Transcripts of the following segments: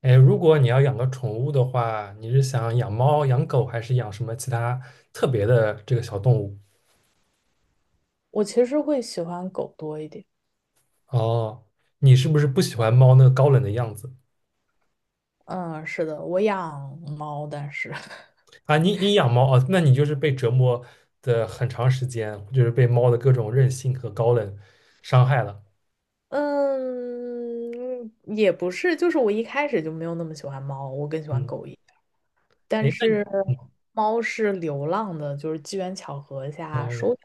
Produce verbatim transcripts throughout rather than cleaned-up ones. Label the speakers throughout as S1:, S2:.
S1: 哎，如果你要养个宠物的话，你是想养猫、养狗，还是养什么其他特别的这个小动物？
S2: 我其实会喜欢狗多一点。
S1: 哦，你是不是不喜欢猫那个高冷的样子
S2: 嗯，是的，我养猫，但是，
S1: 啊？你你养猫啊，那你就是被折磨的很长时间，就是被猫的各种任性和高冷伤害了。
S2: 嗯，也不是，就是我一开始就没有那么喜欢猫，我更喜欢
S1: 嗯，
S2: 狗一点。但
S1: 哎，那你，
S2: 是
S1: 嗯，
S2: 猫是流浪的，就是机缘巧合下收
S1: 哦。
S2: 养，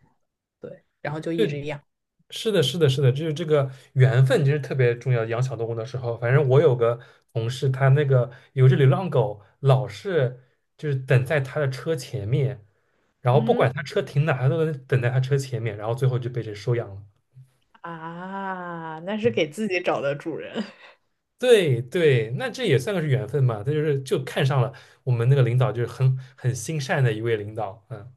S2: 对，然后就一直养。
S1: 是的，是的，是的，就是这个缘分其实特别重要。养小动物的时候，反正我有个同事，他那个有一只流浪狗，老是就是等在他的车前面，然后不
S2: 嗯
S1: 管他车停哪，他都能等在他车前面，然后最后就被谁收养了。
S2: 啊，那是
S1: 嗯，
S2: 给自己找的主人。
S1: 对对，那这也算个是缘分嘛，他就是就看上了我们那个领导，就是很很心善的一位领导。嗯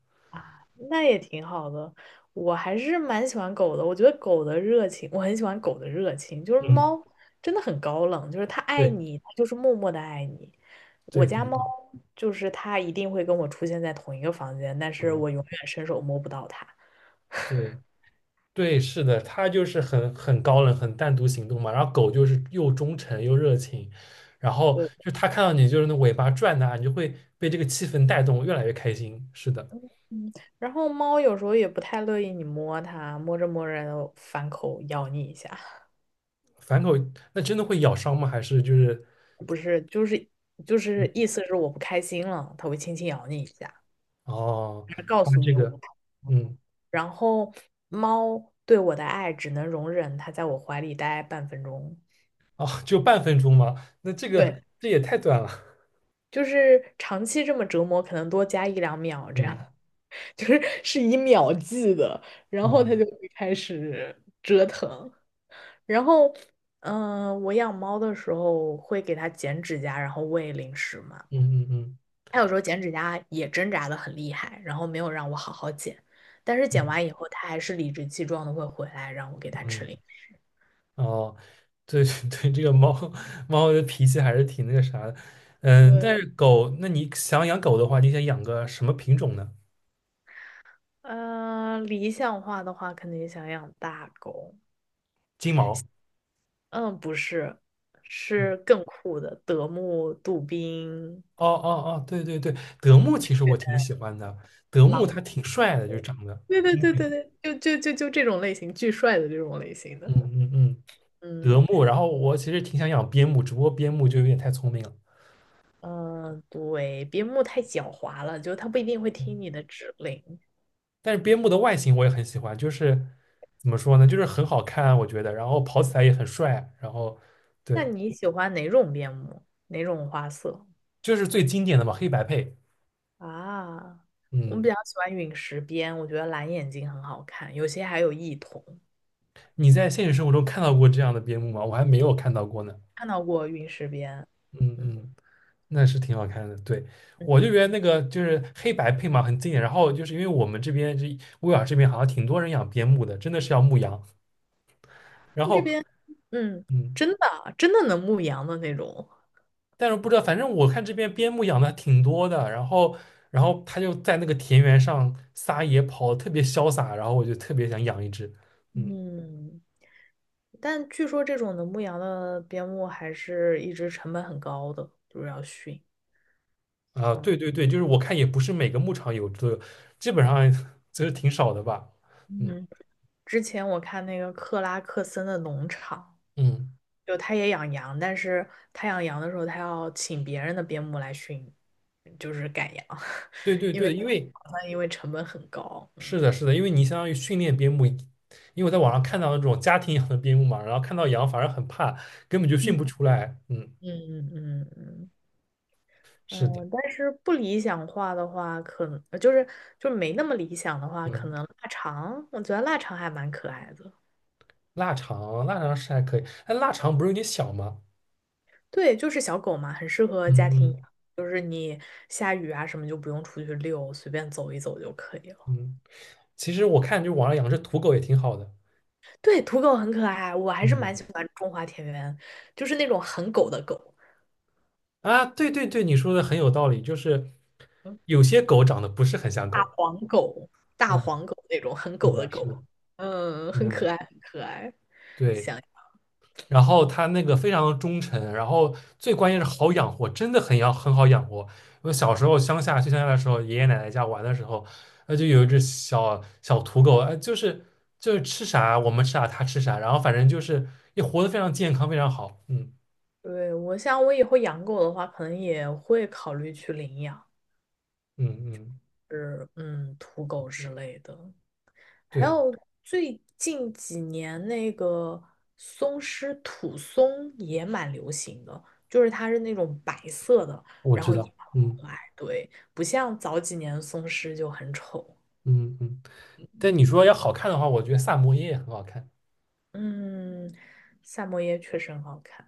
S2: 那也挺好的。我还是蛮喜欢狗的，我觉得狗的热情，我很喜欢狗的热情。就是
S1: 嗯，
S2: 猫真的很高冷，就是它爱
S1: 对
S2: 你，它就是默默的爱你。我
S1: 对对，
S2: 家猫就是它一定会跟我出现在同一个房间，但
S1: 啊，
S2: 是
S1: 哦，
S2: 我永远伸手摸不到它。
S1: 对。对，是的，它就是很很高冷、很单独行动嘛。然后狗就是又忠诚又热情，然后
S2: 对，
S1: 就它看到你就是那尾巴转呐，你就会被这个气氛带动，越来越开心。是的，
S2: 嗯，然后猫有时候也不太乐意你摸它，摸着摸着反口咬你一下，
S1: 反狗那真的会咬伤吗？还是就是
S2: 不是，就是就是意思是我不开心了，它会轻轻咬你一下，
S1: 哦，
S2: 告
S1: 它
S2: 诉
S1: 这
S2: 你我不
S1: 个，
S2: 开心。
S1: 嗯，
S2: 然后猫对我的爱只能容忍它在我怀里待半分钟，
S1: 哦，就半分钟吗？那这
S2: 对，
S1: 个这也太短了。
S2: 就是长期这么折磨，可能多加一两秒这样，
S1: 嗯，
S2: 就是是以秒计的，然后它就
S1: 哦，
S2: 会开始折腾。然后，嗯、我养猫的时候会给它剪指甲，然后喂零食嘛。
S1: 嗯嗯嗯
S2: 它有时候剪指甲也挣扎的很厉害，然后没有让我好好剪，但是剪
S1: 嗯
S2: 完以后，它还是理直气壮的会回来让我给它吃
S1: 嗯。
S2: 零食。
S1: 哦，对对 对，这个猫猫的脾气还是挺那个啥的。嗯，
S2: 对
S1: 但是狗，那你想养狗的话，你想养个什么品种呢？
S2: 呃，理想化的话，肯定想养大狗。
S1: 金毛。
S2: 嗯，不是，是
S1: 嗯，
S2: 更酷的德牧、杜宾、
S1: 哦哦哦，对对对，德牧其实我挺喜欢的，德牧
S2: 狼。
S1: 它挺帅的，就长得
S2: 对对
S1: 英
S2: 对
S1: 俊。
S2: 对对，就就就就这种类型，巨帅的这种类型的。
S1: 嗯嗯嗯，德
S2: 嗯
S1: 牧。然后我其实挺想养边牧，只不过边牧就有点太聪明了。
S2: 嗯，呃对，边牧太狡猾了，就它不一定会听你的指令。
S1: 但是边牧的外形我也很喜欢，就是怎么说呢，就是很好看啊，我觉得。然后跑起来也很帅啊。然后
S2: 那
S1: 对，
S2: 你喜欢哪种边牧？哪种花色
S1: 就是最经典的嘛，黑白配。
S2: 啊？我比
S1: 嗯，
S2: 较喜欢陨石边，我觉得蓝眼睛很好看，有些还有异瞳，
S1: 你在现实生活中看到过这样的边牧吗？我还没有看到过呢。
S2: 看到过陨石边。
S1: 嗯
S2: 嗯。
S1: 嗯，那是挺好看的。对，我就觉得那
S2: 嗯
S1: 个就是黑白配嘛，很经典。然后就是因为我们这边这威尔这边好像挺多人养边牧的，真的是要牧羊。然
S2: 这
S1: 后
S2: 边，嗯，
S1: 嗯，
S2: 真的啊真的能牧羊的那种，
S1: 但是不知道，反正我看这边边牧养的挺多的。然后然后他就在那个田园上撒野跑，特别潇洒。然后我就特别想养一只。嗯。
S2: 嗯，但据说这种能牧羊的边牧还是一直成本很高的，就是要训。
S1: 啊，
S2: 嗯
S1: 对对对，就是我看也不是每个牧场有这，个，基本上 其是挺少的吧。嗯
S2: 嗯，之前我看那个克拉克森的农场，
S1: 嗯，
S2: 就他也养羊，但是他养羊的时候，他要请别人的边牧来训，就是赶羊，
S1: 对 对
S2: 因为
S1: 对，因为
S2: 好像因为成本很高。
S1: 是
S2: 嗯
S1: 的，是的，因为你相当于训练边牧，因为我在网上看到那种家庭养的边牧嘛，然后看到羊反而很怕，根本就
S2: 嗯，
S1: 训不出来。嗯，
S2: 嗯嗯嗯，嗯
S1: 是的，
S2: 嗯，但是不理想化的话，可能呃就是就没那么理想的话，可
S1: 嗯，
S2: 能腊肠，我觉得腊肠还蛮可爱的。
S1: 腊肠，腊肠是还可以，但腊肠不是有点小吗？
S2: 对，就是小狗嘛，很适合家
S1: 嗯
S2: 庭养，
S1: 嗯
S2: 下雨啊什么就不用出去遛，随便走一走就可以了。
S1: 嗯，其实我看就网上养只土狗也挺好的。
S2: 对，土狗很可爱，我还是蛮
S1: 嗯，
S2: 喜欢中华田园，就是那种很狗的狗，
S1: 啊，对对对，你说的很有道理，就是
S2: 嗯
S1: 有些狗长得不是很像
S2: 大
S1: 狗。
S2: 黄狗、大
S1: 嗯。
S2: 黄狗那种很
S1: 是
S2: 狗的
S1: 的，是的，
S2: 狗，嗯，很
S1: 嗯，
S2: 可爱，很可爱。
S1: 对。
S2: 想，
S1: 然后他那个非常忠诚，然后最关键是好养活，真的很要很好养活。我小时候乡下去乡下的时候，爷爷奶奶家玩的时候，那就有一只小小土狗，哎，就是就是吃啥我们吃啥它吃啥，然后反正就是也活得非常健康，非常好。嗯
S2: 对，我想我以后养狗的话，可能也会考虑去领养。
S1: 嗯嗯，
S2: 是嗯土狗之类的，还
S1: 对，
S2: 有最近几年那个松狮土松也蛮流行的，就是它是那种白色的，
S1: 我
S2: 然
S1: 知
S2: 后也
S1: 道。
S2: 很
S1: 嗯
S2: 可爱，对，不像早几年松狮就很丑。
S1: 嗯嗯。但你说要好看的话，我觉得萨摩耶也很好看。
S2: 嗯，萨摩耶确实很好看，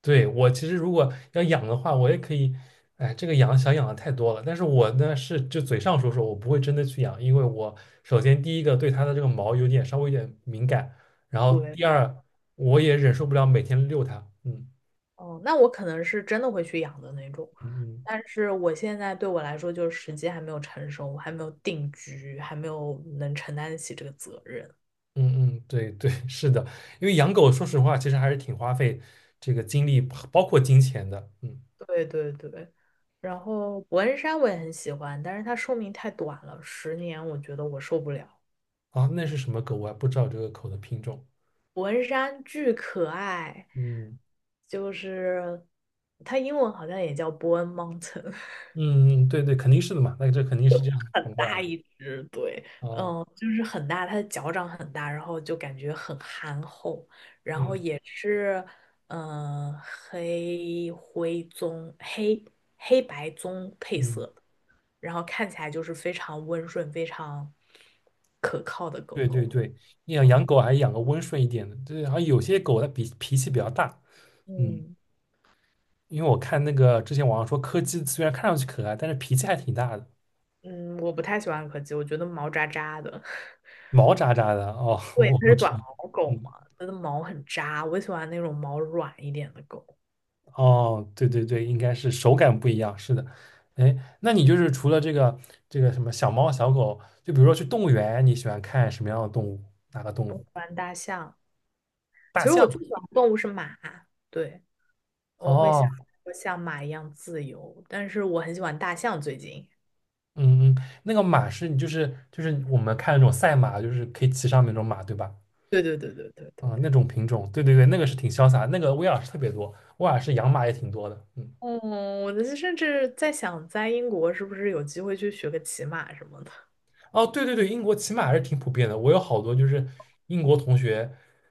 S1: 对，我其实如果要养的话，我也可以，哎，这个养想养的太多了。但是我呢是就嘴上说说，我不会真的去养，因为我首先第一个对它的这个毛有点稍微有点敏感，然后
S2: 对，
S1: 第二我也忍受不了每天遛它。嗯
S2: 哦，那我可能是真的会去养的那种，
S1: 嗯嗯
S2: 但是我现在对我来说就是时机还没有成熟，我还没有定居，还没有能承担得起这个责任。
S1: 嗯嗯，对对，是的，因为养狗说实话其实还是挺花费这个精力，包括金钱的。嗯，
S2: 对对对，然后伯恩山我也很喜欢，但是它寿命太短了，十年我觉得我受不了。
S1: 啊，那是什么狗我还不知道这个狗的品种。
S2: 伯恩山巨可爱，
S1: 嗯
S2: 就是它英文好像也叫伯恩 n Mountain，
S1: 嗯嗯，对对，肯定是的嘛，那这肯定是这样
S2: 很
S1: 传过来
S2: 大
S1: 的。
S2: 一只，对，
S1: 哦。
S2: 嗯，就是很大，它的脚掌很大，然后就感觉很憨厚，
S1: 嗯。
S2: 也是嗯、呃黑灰棕黑黑白棕配
S1: 嗯，
S2: 色，然后看起来就是非常温顺、非常可靠的狗
S1: 对对
S2: 狗。
S1: 对，你想
S2: 嗯
S1: 养狗还是养个温顺一点的。对，好像有些狗它比脾气比较大。嗯，
S2: 嗯
S1: 因为我看那个之前网上说柯基虽然看上去可爱，但是脾气还挺大的。
S2: 嗯，我不太喜欢柯基，我觉得毛扎扎的。
S1: 毛扎扎的，哦，
S2: 对，
S1: 我
S2: 它
S1: 不
S2: 是
S1: 知
S2: 短
S1: 道。
S2: 毛狗嘛，
S1: 嗯，
S2: 它的毛很扎，我喜欢那种毛软一点的狗。
S1: 哦，对对对，应该是手感不一样，是的。哎，那你就是除了这个这个什么小猫小狗，就比如说去动物园，你喜欢看什么样的动物？哪个动物？
S2: 大象，其
S1: 大
S2: 实我最
S1: 象？
S2: 喜欢的动物是马，对，我会想
S1: 哦，
S2: 说像马一样自由，但是我很喜欢大象最近。
S1: 嗯，嗯，那个马是你就是就是我们看那种赛马，就是可以骑上面那种马，对吧？
S2: 对对对对对对
S1: 嗯，
S2: 对。
S1: 那种品种，对对对，那个是挺潇洒，那个威尔士特别多，威尔士养马也挺多的。嗯，
S2: 嗯，我就是甚至在想，在英国是不是有机会去学个骑马什么的？
S1: 哦，对对对，英国骑马还是挺普遍的，我有好多就是英国同学，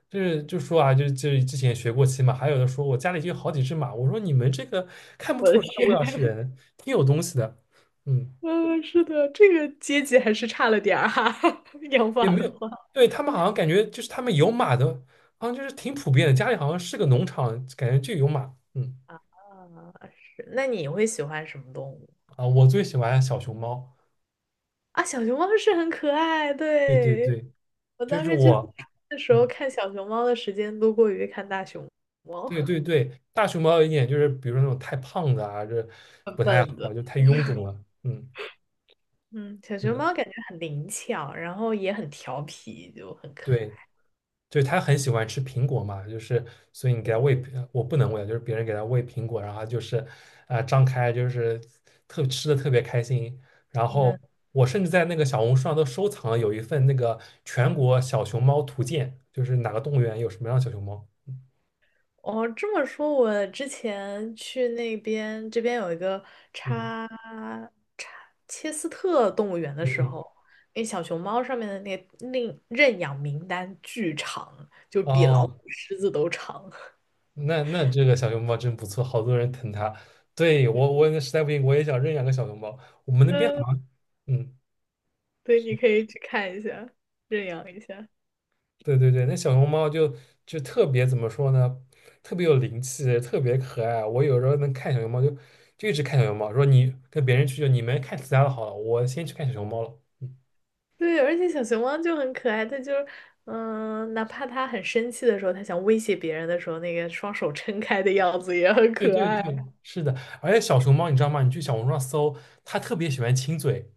S1: 就是就说啊，就就之前学过骑马，还有的说我家里就有好几只马，我说你们这个看不
S2: 我的
S1: 出来啊威
S2: 天！
S1: 尔士人，挺有东西的。嗯。
S2: 嗯，是的，这个阶级还是差了点儿哈、养法
S1: 也没
S2: 的
S1: 有。
S2: 话
S1: 对，他们好像感觉就是他们有马的，好像就是挺普遍的，家里好像是个农场，感觉就有马。嗯，
S2: 啊，是。那你会喜欢什么动物
S1: 啊，我最喜欢小熊猫。
S2: 啊？小熊猫是很可爱，
S1: 对对
S2: 对。
S1: 对，
S2: 我
S1: 就
S2: 当
S1: 是
S2: 时去
S1: 我，
S2: 的时候
S1: 嗯，
S2: 看小熊猫的时间多过于看大熊猫，
S1: 对对对，大熊猫有一点就是，比如说那种太胖的啊，这
S2: 笨
S1: 不太
S2: 笨的。
S1: 好，就太臃肿了。嗯，
S2: 嗯，小
S1: 是
S2: 熊
S1: 的，
S2: 猫感觉很灵巧，然后也很调皮，就很可
S1: 对。
S2: 爱。
S1: 就是他很喜欢吃苹果嘛，就是所以你给他
S2: 对
S1: 喂，呃我不能喂，就是别人给他喂苹果，然后他就是啊、呃张开，就是特吃的特别开心。然后
S2: 嗯，
S1: 我甚至在那个小红书上都收藏了有一份那个全国小熊猫图鉴，就是哪个动物园有什么样的小熊猫。
S2: 哦，这么说，我之前去那边，这边有一个
S1: 嗯
S2: 查查切斯特动物园的
S1: 嗯
S2: 时
S1: 嗯，
S2: 候，那小熊猫上面的那个领认养名单巨长，就比老虎、
S1: 哦，
S2: 狮子都长。
S1: 那那这个小熊猫真不错，好多人疼它。对，
S2: 对，
S1: 我我实在不行我也想认养个小熊猫，我们那边
S2: 嗯，
S1: 好，嗯。
S2: 对，你可以去看一下，认养一下。
S1: 对对对，那小熊猫就就特别怎么说呢？特别有灵气，特别可爱。我有时候能看小熊猫就，就一直看小熊猫，说你跟别人去，就你们看其他的好了，我先去看小熊猫了。嗯，
S2: 对，而且小熊猫就很可爱，它就是嗯，哪怕它很生气的时候，它想威胁别人的时候，那个双手撑开的样子也很
S1: 对
S2: 可
S1: 对
S2: 爱。
S1: 对，是的。而且小熊猫你知道吗？你去小红书上搜，它特别喜欢亲嘴，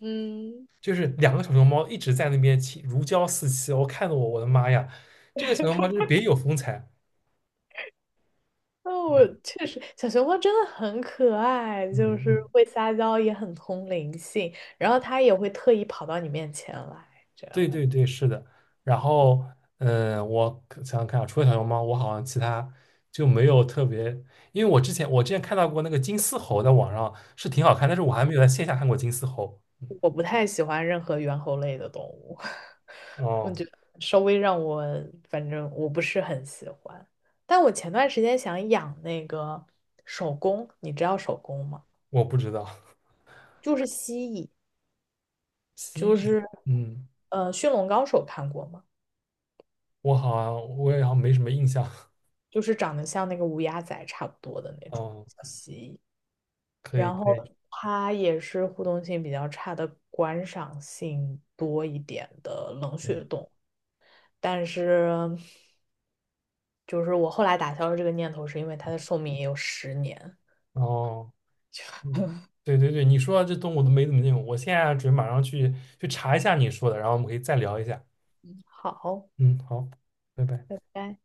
S2: 嗯。
S1: 就是两个小熊猫一直在那边亲，如胶似漆。我看得我我的妈呀，这个小熊猫就是别有风采。
S2: 那我
S1: 嗯
S2: 确实，小熊猫真的很可爱，
S1: 嗯
S2: 就是
S1: 嗯。
S2: 会撒娇，也很通灵性，然后它也会特意跑到你面前来，这
S1: 对
S2: 样。
S1: 对对，是的。然后，嗯，我可想想看啊，除了小熊猫，我好像其他就没有特别，因为我之前我之前看到过那个金丝猴，在网上是挺好看，但是我还没有在线下看过金丝猴。
S2: 我不太喜欢任何猿猴类的动物，
S1: 哦，
S2: 稍微让我，反正我不是很喜欢。但我前段时间想养那个手工，你知道手工吗？
S1: 我不知道。
S2: 就是蜥蜴，就
S1: 蜥蜴，
S2: 是
S1: 嗯，
S2: 呃，驯龙高手看过吗？
S1: 我好像我也好像没什么印象。
S2: 就是长得像那个乌鸦仔差不多的那种。
S1: 哦，可以
S2: 然
S1: 可
S2: 后
S1: 以，
S2: 它也是互动性比较差的观赏性多一点的冷
S1: 嗯，
S2: 血动物，但是就是我后来打消了这个念头，是因为它的寿命也有十年。
S1: 哦，嗯，对对对，你说到这动物都没怎么见过，我现在准备马上去去查一下你说的，然后我们可以再聊一下。
S2: 好，
S1: 嗯，好，拜拜。
S2: 拜拜。